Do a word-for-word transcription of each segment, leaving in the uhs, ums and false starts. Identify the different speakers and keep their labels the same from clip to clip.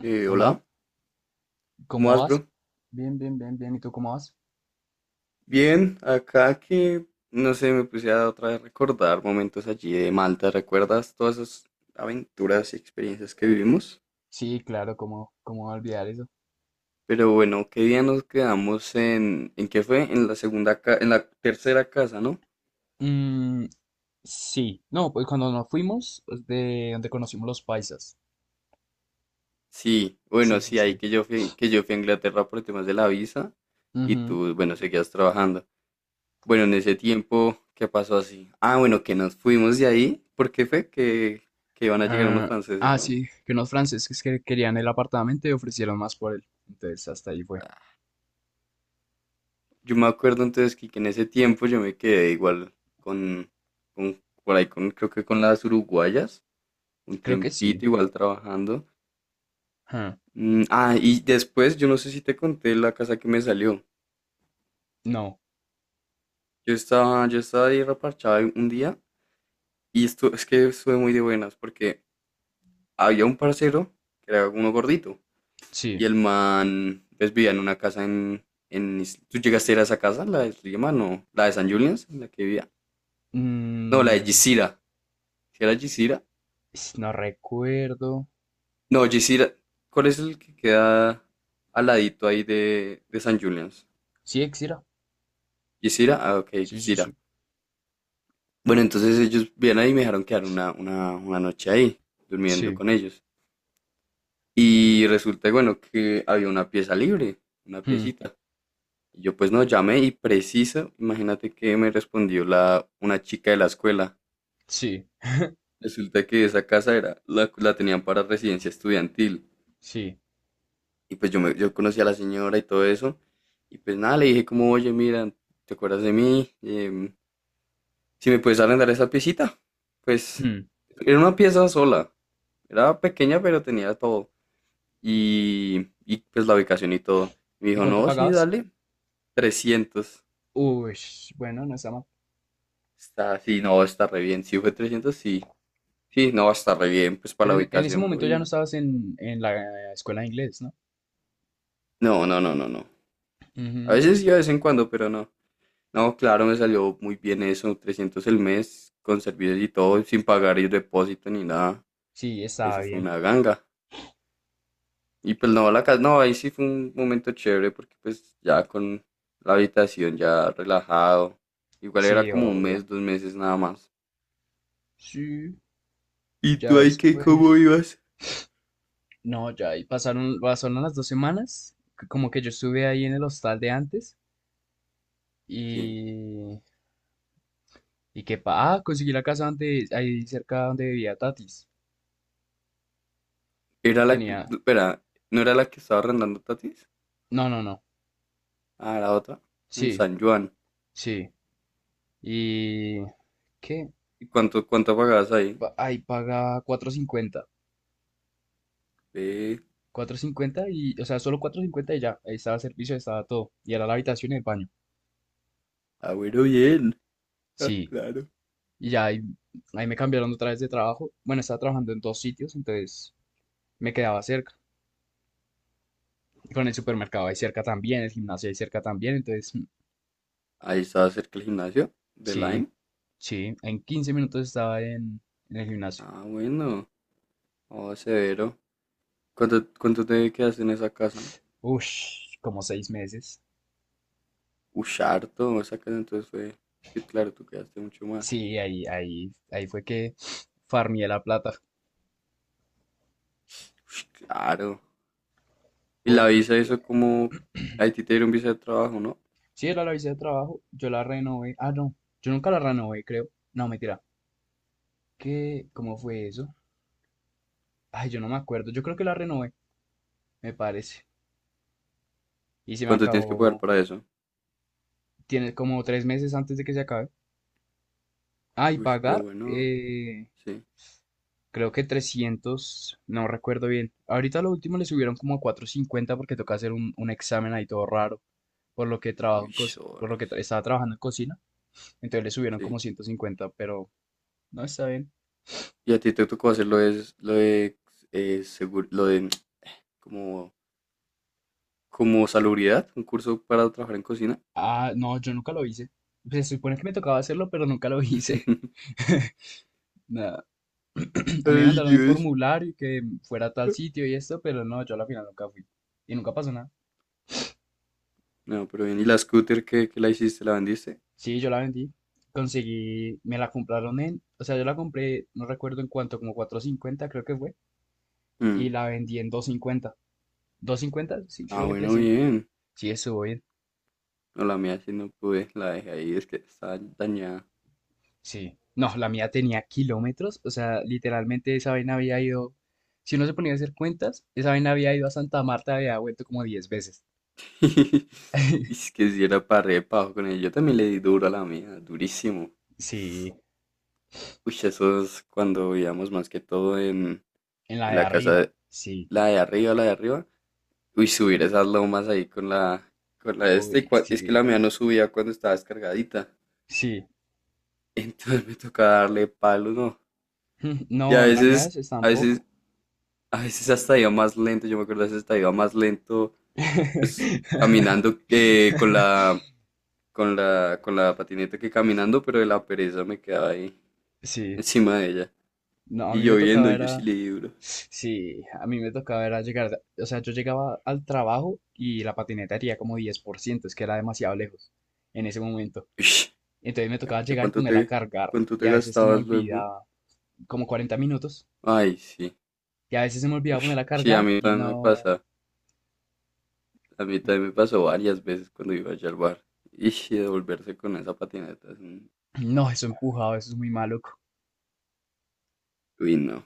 Speaker 1: Eh,
Speaker 2: Hola,
Speaker 1: hola, ¿cómo
Speaker 2: ¿cómo
Speaker 1: vas,
Speaker 2: vas?
Speaker 1: bro?
Speaker 2: Bien, bien, bien, bien. ¿Y tú cómo vas?
Speaker 1: Bien, acá que, no sé, me puse a otra vez recordar momentos allí de Malta, ¿recuerdas todas esas aventuras y experiencias que vivimos?
Speaker 2: Sí, claro, ¿cómo, cómo olvidar eso?
Speaker 1: Pero bueno, ¿qué día nos quedamos en, en qué fue? En la segunda, ca- en la tercera casa, ¿no?
Speaker 2: Mm, sí, no, pues cuando nos fuimos, pues, de donde conocimos los paisas.
Speaker 1: Sí, bueno,
Speaker 2: Sí, sí,
Speaker 1: sí, ahí
Speaker 2: sí.
Speaker 1: que yo fui, que yo fui a Inglaterra por temas de la visa. Y
Speaker 2: Ujú.
Speaker 1: tú, bueno, seguías trabajando. Bueno, en ese tiempo, ¿qué pasó así? Ah, bueno, que nos fuimos de ahí, porque fue que, que iban a llegar unos
Speaker 2: Ah,
Speaker 1: franceses,
Speaker 2: ah,
Speaker 1: ¿no?
Speaker 2: sí, que unos franceses que querían el apartamento y ofrecieron más por él. Entonces, hasta ahí fue.
Speaker 1: Yo me acuerdo entonces que, que en ese tiempo yo me quedé igual con, con por ahí con, creo que con las uruguayas, un
Speaker 2: Creo que sí.
Speaker 1: tiempito igual trabajando.
Speaker 2: Ah,
Speaker 1: Mm, ah, y después yo no sé si te conté la casa que me salió.
Speaker 2: no,
Speaker 1: Yo estaba, yo estaba ahí reparchado un día, y esto es que estuve muy de buenas porque había un parcero que era uno gordito, y
Speaker 2: sí.
Speaker 1: el man pues vivía en una casa en, en Is- ¿Tú llegaste a ir a esa casa? ¿La de Islima? No, la de San Julián, la que vivía. No, la de
Speaker 2: Mm,
Speaker 1: Gisira. ¿Si era Gisira?
Speaker 2: s- no recuerdo.
Speaker 1: No, Gisira, ¿cuál es el que queda al ladito ahí de, de San Julian's?
Speaker 2: Sí, Exira.
Speaker 1: Gisira, ah, ok,
Speaker 2: Sí, sí,
Speaker 1: Gisira.
Speaker 2: sí.
Speaker 1: Bueno, entonces ellos vienen ahí y me dejaron quedar una, una, una noche ahí, durmiendo
Speaker 2: Sí.
Speaker 1: con ellos. Y resulta, bueno, que había una pieza libre, una
Speaker 2: Hmm.
Speaker 1: piecita. Y yo pues no, llamé y preciso, imagínate que me respondió la, una chica de la escuela.
Speaker 2: Sí,
Speaker 1: Resulta que esa casa era, la, la tenían para residencia estudiantil.
Speaker 2: sí.
Speaker 1: Y pues yo, me, yo conocí a la señora y todo eso. Y pues nada, le dije como, oye, mira, ¿te acuerdas de mí? Em, si me puedes arrendar esa piecita. Pues
Speaker 2: Hmm.
Speaker 1: era una pieza sola. Era pequeña, pero tenía todo. Y, y pues la ubicación y todo. Y me
Speaker 2: ¿Y
Speaker 1: dijo,
Speaker 2: cuánto
Speaker 1: no, sí,
Speaker 2: pagabas?
Speaker 1: dale. Trescientos.
Speaker 2: Uy, bueno, no está mal.
Speaker 1: Está, sí, no, está re bien. Si fue trescientos, sí. Sí, no, está re bien, pues para
Speaker 2: Pero
Speaker 1: la
Speaker 2: en, en ese
Speaker 1: ubicación, bro.
Speaker 2: momento ya no
Speaker 1: Y...
Speaker 2: estabas en, en la escuela de inglés, ¿no?
Speaker 1: No, no, no, no, no. A
Speaker 2: Ujú.
Speaker 1: veces sí, a vez en cuando, pero no. No, claro, me salió muy bien eso, trescientos el mes, con servicios y todo, sin pagar el depósito ni nada.
Speaker 2: Sí, estaba
Speaker 1: Eso fue
Speaker 2: bien.
Speaker 1: una ganga. Y pues no, la casa, no, ahí sí fue un momento chévere porque pues ya con la habitación ya relajado. Igual era
Speaker 2: Sí,
Speaker 1: como un
Speaker 2: obvio.
Speaker 1: mes, dos meses nada más.
Speaker 2: Sí,
Speaker 1: ¿Y
Speaker 2: ya
Speaker 1: tú ahí qué, cómo
Speaker 2: después.
Speaker 1: ibas?
Speaker 2: No, ya ahí pasaron, pasaron las dos semanas. c- Como que yo estuve ahí en el hostal de antes.
Speaker 1: Sí.
Speaker 2: Y. Y que pa. Ah, conseguí la casa donde, ahí cerca donde vivía Tatis.
Speaker 1: Era la que,
Speaker 2: Tenía.
Speaker 1: espera, ¿no era la que estaba arrendando Tatis?
Speaker 2: No, no, no.
Speaker 1: Ah, la otra, en
Speaker 2: Sí,
Speaker 1: San Juan.
Speaker 2: sí. Y. ¿Qué?
Speaker 1: ¿Y cuánto, cuánto pagabas ahí?
Speaker 2: Pa- Ahí pagaba cuatro cincuenta.
Speaker 1: Ve.
Speaker 2: Cuatro cincuenta y, o sea, solo cuatro cincuenta y ya, ahí estaba el servicio, ahí estaba todo. Y era la habitación y el baño.
Speaker 1: Ah, bueno, bien. Ah,
Speaker 2: Sí.
Speaker 1: claro.
Speaker 2: Y ya ahí, ahí me cambiaron otra vez de trabajo. Bueno, estaba trabajando en dos sitios, entonces me quedaba cerca. Con el supermercado ahí cerca también, el gimnasio ahí cerca también, entonces mm,
Speaker 1: Ahí estaba cerca el gimnasio de
Speaker 2: sí,
Speaker 1: Line.
Speaker 2: sí, en quince minutos estaba en, en el gimnasio.
Speaker 1: Ah, bueno. Oh, severo. ¿Cuánto, cuánto te quedaste en esa casa?
Speaker 2: Ush, como seis meses.
Speaker 1: Ush, harto. Esa casa entonces fue. Es que claro, tú quedaste mucho más.
Speaker 2: Sí, ahí, ahí, ahí fue que farmeé la plata.
Speaker 1: Ush, claro. Y la visa,
Speaker 2: Porque
Speaker 1: eso como. A ti te dieron visa de trabajo, ¿no?
Speaker 2: sí, era la visa de trabajo, yo la renové. Ah, no, yo nunca la renové, creo. No, mentira. ¿Qué? ¿Cómo fue eso? Ay, yo no me acuerdo. Yo creo que la renové, me parece. Y se me
Speaker 1: ¿Cuánto tienes que pagar
Speaker 2: acabó.
Speaker 1: para eso?
Speaker 2: Tiene como tres meses antes de que se acabe. Ah, y
Speaker 1: Ush, pero
Speaker 2: pagar,
Speaker 1: bueno.
Speaker 2: eh,
Speaker 1: Sí.
Speaker 2: creo que trescientos. No recuerdo bien. Ahorita lo último le subieron como a cuatrocientos cincuenta porque toca hacer un, un examen ahí todo raro. Por lo que trabajo en
Speaker 1: Ush,
Speaker 2: cos- por lo que
Speaker 1: horas.
Speaker 2: tra- estaba trabajando en cocina. Entonces le subieron como
Speaker 1: Sí.
Speaker 2: ciento cincuenta, pero no está bien.
Speaker 1: Y a ti te tocó hacer lo de. Lo de. Eh, seguro, lo de. Como. Como salubridad. Un curso para trabajar en cocina.
Speaker 2: Ah, no, yo nunca lo hice. Pues se supone que me tocaba hacerlo, pero nunca lo hice. Nada. A mí me
Speaker 1: Ay,
Speaker 2: mandaron el
Speaker 1: Dios.
Speaker 2: formulario y que fuera a tal sitio y esto, pero no, yo a la final nunca fui. Y nunca pasó nada.
Speaker 1: No, pero bien. ¿Y la scooter que la hiciste? ¿La vendiste?
Speaker 2: Sí, yo la vendí. Conseguí, me la compraron en, o sea, yo la compré, no recuerdo en cuánto, como cuatrocientos cincuenta creo que fue. Y
Speaker 1: Mm.
Speaker 2: la vendí en dos cincuenta. Cincuenta. Sí, creo
Speaker 1: Ah,
Speaker 2: que
Speaker 1: bueno,
Speaker 2: trescientos.
Speaker 1: bien.
Speaker 2: Sí, estuvo bien.
Speaker 1: No, la mía sí no pude. La dejé ahí. Es que estaba dañada.
Speaker 2: Sí. No, la mía tenía kilómetros. O sea, literalmente esa vaina había ido, si uno se ponía a hacer cuentas, esa vaina había ido a Santa Marta, había vuelto como diez veces.
Speaker 1: Es que si era para re pajo con ella. Yo también le di duro a la mía. Durísimo.
Speaker 2: Sí,
Speaker 1: Uy, eso es cuando vivíamos más que todo en,
Speaker 2: en la
Speaker 1: en
Speaker 2: de
Speaker 1: la casa,
Speaker 2: arriba.
Speaker 1: de-
Speaker 2: Sí.
Speaker 1: la de arriba, la de arriba. Uy, subir esas lomas ahí con la... Con la de este. Y
Speaker 2: Uy,
Speaker 1: cua- es que
Speaker 2: sí,
Speaker 1: la mía no subía cuando estaba descargadita.
Speaker 2: sí.
Speaker 1: Entonces me tocaba darle palo, ¿no? Y a
Speaker 2: No, la mía
Speaker 1: veces...
Speaker 2: es
Speaker 1: A veces
Speaker 2: tampoco.
Speaker 1: A veces hasta iba más lento, yo me acuerdo, a veces hasta iba más lento, pues caminando, eh, con la, con la, con la patineta, que caminando, pero de la pereza me quedaba ahí
Speaker 2: Sí,
Speaker 1: encima de ella.
Speaker 2: no, a
Speaker 1: Y
Speaker 2: mí me
Speaker 1: lloviendo,
Speaker 2: tocaba
Speaker 1: yo sí
Speaker 2: era,
Speaker 1: le di duro.
Speaker 2: sí, a mí me tocaba era llegar, o sea, yo llegaba al trabajo y la patineta haría como diez por ciento, es que era demasiado lejos en ese momento.
Speaker 1: Ush,
Speaker 2: Entonces me tocaba
Speaker 1: pucha,
Speaker 2: llegar y
Speaker 1: ¿cuánto
Speaker 2: ponerla a
Speaker 1: te,
Speaker 2: cargar
Speaker 1: cuánto
Speaker 2: y
Speaker 1: te
Speaker 2: a veces se me
Speaker 1: gastabas luego?
Speaker 2: olvidaba, como cuarenta minutos,
Speaker 1: Ay, sí.
Speaker 2: y a veces se me olvidaba
Speaker 1: Uy,
Speaker 2: ponerla a
Speaker 1: sí, a
Speaker 2: cargar
Speaker 1: mí
Speaker 2: y
Speaker 1: también me
Speaker 2: no,
Speaker 1: pasa. A mí
Speaker 2: me-
Speaker 1: también me pasó varias veces cuando iba allá al bar. Y devolverse con esa patineta es un...
Speaker 2: no, eso empujado, eso es muy maluco.
Speaker 1: Uy, no.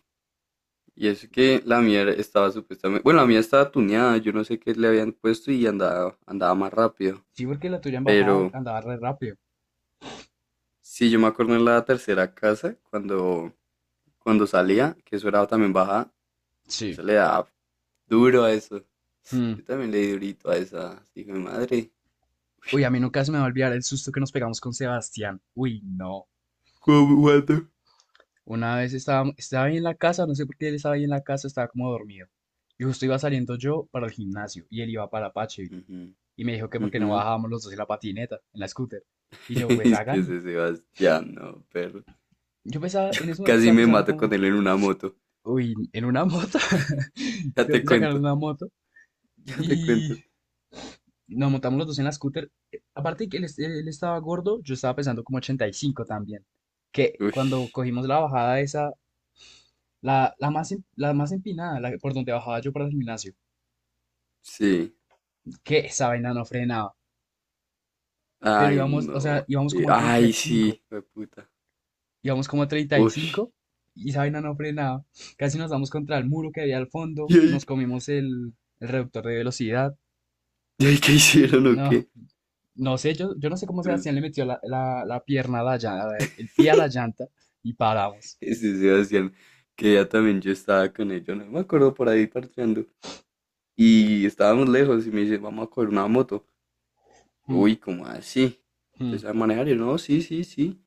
Speaker 1: Y es que la mía estaba supuestamente, bueno, la mía estaba tuneada, yo no sé qué le habían puesto y andaba, andaba más rápido.
Speaker 2: Sí, porque la tuya en bajada
Speaker 1: Pero
Speaker 2: andaba re rápido.
Speaker 1: sí, yo me acuerdo en la tercera casa, cuando, cuando salía, que eso era también baja,
Speaker 2: Sí.
Speaker 1: eso le daba duro a eso. Yo también le di durito a esa, hijo de madre.
Speaker 2: Uy, a mí nunca se me va a olvidar el susto que nos pegamos con Sebastián. Uy, no.
Speaker 1: ¿Cómo, guato?
Speaker 2: Una vez estaba, estaba ahí en la casa, no sé por qué él estaba ahí en la casa, estaba como dormido. Y justo iba saliendo yo para el gimnasio y él iba para Apache.
Speaker 1: Ujú,
Speaker 2: Y me dijo que porque
Speaker 1: ujú.
Speaker 2: no bajábamos los dos en la patineta, en la scooter. Y yo, pues
Speaker 1: Es que
Speaker 2: hágale.
Speaker 1: ese Sebastián, no, perro.
Speaker 2: Yo pensaba,
Speaker 1: Yo
Speaker 2: en ese momento
Speaker 1: casi
Speaker 2: estaba
Speaker 1: me
Speaker 2: pensando
Speaker 1: mato con
Speaker 2: como,
Speaker 1: él en una moto.
Speaker 2: uy, en una moto.
Speaker 1: Ya
Speaker 2: ¿De
Speaker 1: te
Speaker 2: dónde sacaron
Speaker 1: cuento,
Speaker 2: una moto?
Speaker 1: ya te
Speaker 2: Y
Speaker 1: cuento.
Speaker 2: nos montamos los dos en la scooter. Eh, Aparte de que él, es- él estaba gordo, yo estaba pesando como ochenta y cinco también. Que
Speaker 1: Uy,
Speaker 2: cuando cogimos la bajada esa. La, la más, em- la más empinada, la, que- por donde bajaba yo para el gimnasio.
Speaker 1: sí.
Speaker 2: Que esa vaina no frenaba. Pero
Speaker 1: Ay,
Speaker 2: íbamos, o
Speaker 1: no,
Speaker 2: sea, íbamos
Speaker 1: que...
Speaker 2: como a treinta y
Speaker 1: Ay,
Speaker 2: cinco
Speaker 1: sí, fue puta.
Speaker 2: Íbamos como a treinta y cinco
Speaker 1: Uy,
Speaker 2: y cinco y esa vaina no frenaba. Casi nos damos contra el muro que había al fondo.
Speaker 1: ¿y ahí,
Speaker 2: Nos comimos el, el reductor de velocidad.
Speaker 1: y ahí qué hicieron o
Speaker 2: No,
Speaker 1: qué?
Speaker 2: no sé, yo, yo no sé cómo
Speaker 1: Pues...
Speaker 2: Sebastián le metió la, la, la pierna a la llanta, el, el pie a la llanta y paramos.
Speaker 1: Este Sebastián, que ya también yo estaba con él, yo no me acuerdo por ahí parcheando. Y estábamos lejos y me dice, vamos a coger una moto.
Speaker 2: Mm,
Speaker 1: Uy, ¿cómo así? ¿Usted sabe
Speaker 2: mm.
Speaker 1: manejar? Y yo, no, sí, sí, sí.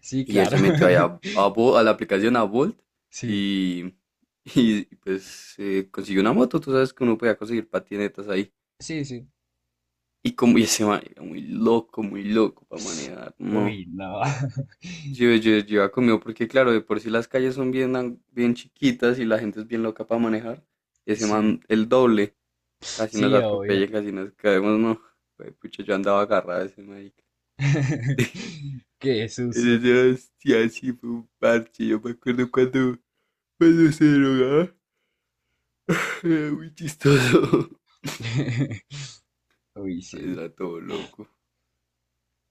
Speaker 2: Sí,
Speaker 1: Y él
Speaker 2: claro.
Speaker 1: se metió ahí a, a Bo- a la aplicación a Bolt,
Speaker 2: Sí,
Speaker 1: y, y pues eh, consiguió una moto. Tú sabes que uno podía conseguir patinetas ahí.
Speaker 2: sí, sí.
Speaker 1: Y como y ese man era muy loco, muy loco para manejar. No.
Speaker 2: Uy, no.
Speaker 1: Yo, yo, yo iba conmigo porque claro, de por sí las calles son bien, an- bien chiquitas y la gente es bien loca para manejar. Ese
Speaker 2: Sí,
Speaker 1: man, el doble, casi nos
Speaker 2: sí, obvio.
Speaker 1: atropella, casi nos caemos, no. Fue, pucha, yo andaba agarrado a ese marica.
Speaker 2: Qué
Speaker 1: Ese
Speaker 2: susto.
Speaker 1: Sebastián sí fue un parche, yo me acuerdo cuando, cuando se drogaba. Era muy chistoso.
Speaker 2: Uy, sí.
Speaker 1: Era todo loco.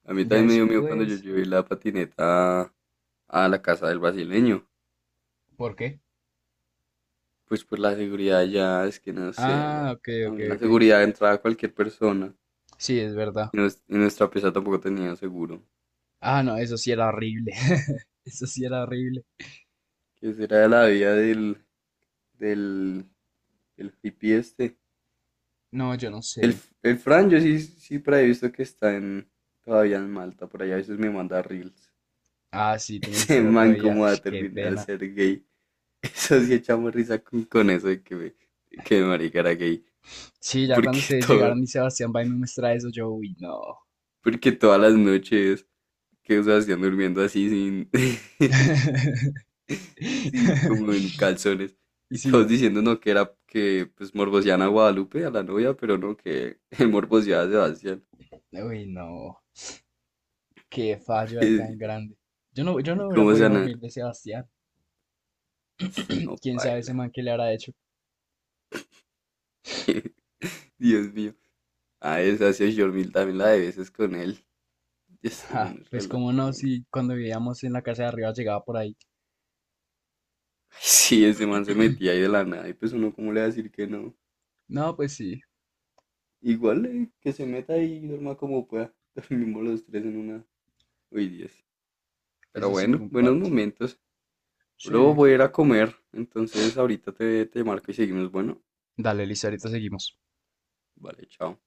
Speaker 1: A mí
Speaker 2: Ya
Speaker 1: también me dio miedo cuando yo
Speaker 2: después.
Speaker 1: llevé la patineta a la casa del brasileño.
Speaker 2: ¿Por qué?
Speaker 1: Pues por la seguridad ya, es que no sé, allá
Speaker 2: Ah, ok, ok,
Speaker 1: también la
Speaker 2: ok.
Speaker 1: seguridad entraba a cualquier persona.
Speaker 2: Sí, es verdad.
Speaker 1: Y, nues- y nuestra pieza tampoco tenía seguro.
Speaker 2: Ah, no, eso sí era horrible. Eso sí era horrible.
Speaker 1: ¿Qué será de la vida del, del, del hippie este?
Speaker 2: No, yo no
Speaker 1: El,
Speaker 2: sé.
Speaker 1: el Fran, yo sí, sí por ahí he visto que está en, todavía en Malta, por allá a veces me manda reels.
Speaker 2: Ah, sí, tú me dijiste
Speaker 1: Ese
Speaker 2: el otro
Speaker 1: man
Speaker 2: día.
Speaker 1: cómo va
Speaker 2: Ush,
Speaker 1: a
Speaker 2: qué
Speaker 1: terminar
Speaker 2: pena.
Speaker 1: ser gay. Eso sí echamos risa con, con eso de que, me- que el marica era gay.
Speaker 2: Sí, ya cuando
Speaker 1: Porque
Speaker 2: ustedes
Speaker 1: todo,
Speaker 2: llegaron y Sebastián va y me muestra eso, yo, uy, no.
Speaker 1: Porque todas las noches que se hacían durmiendo así sin... Sí, como en calzones. Y
Speaker 2: Sí,
Speaker 1: todos diciendo no que era que pues morbosean a Guadalupe, a la novia, pero no que morboseaba a Sebastián.
Speaker 2: uy, no. Qué fallo hay tan grande. Yo no, yo
Speaker 1: Y
Speaker 2: no hubiera
Speaker 1: cómo se
Speaker 2: podido
Speaker 1: han...
Speaker 2: dormir de Sebastián.
Speaker 1: No,
Speaker 2: Quién sabe ese
Speaker 1: baila.
Speaker 2: man qué le habrá hecho.
Speaker 1: Dios mío. Ah, esa sí, Jormil también la de veces con él. Y ese
Speaker 2: Ja,
Speaker 1: man es re
Speaker 2: pues cómo
Speaker 1: loco,
Speaker 2: no,
Speaker 1: mano.
Speaker 2: si cuando vivíamos en la casa de arriba llegaba por ahí.
Speaker 1: Ay, sí, ese man se metía ahí de la nada. Y pues uno, ¿cómo le va a decir que no?
Speaker 2: No, pues sí,
Speaker 1: Igual eh, que se meta ahí y duerma como pueda. Dormimos los tres en una. Uy, Dios. Pero
Speaker 2: eso sí fue
Speaker 1: bueno,
Speaker 2: un
Speaker 1: buenos
Speaker 2: parche.
Speaker 1: momentos. Bro,
Speaker 2: Sí.
Speaker 1: voy a ir a comer. Entonces ahorita te, te marco y seguimos. Bueno,
Speaker 2: Dale, listo, ahorita seguimos.
Speaker 1: vale, chao.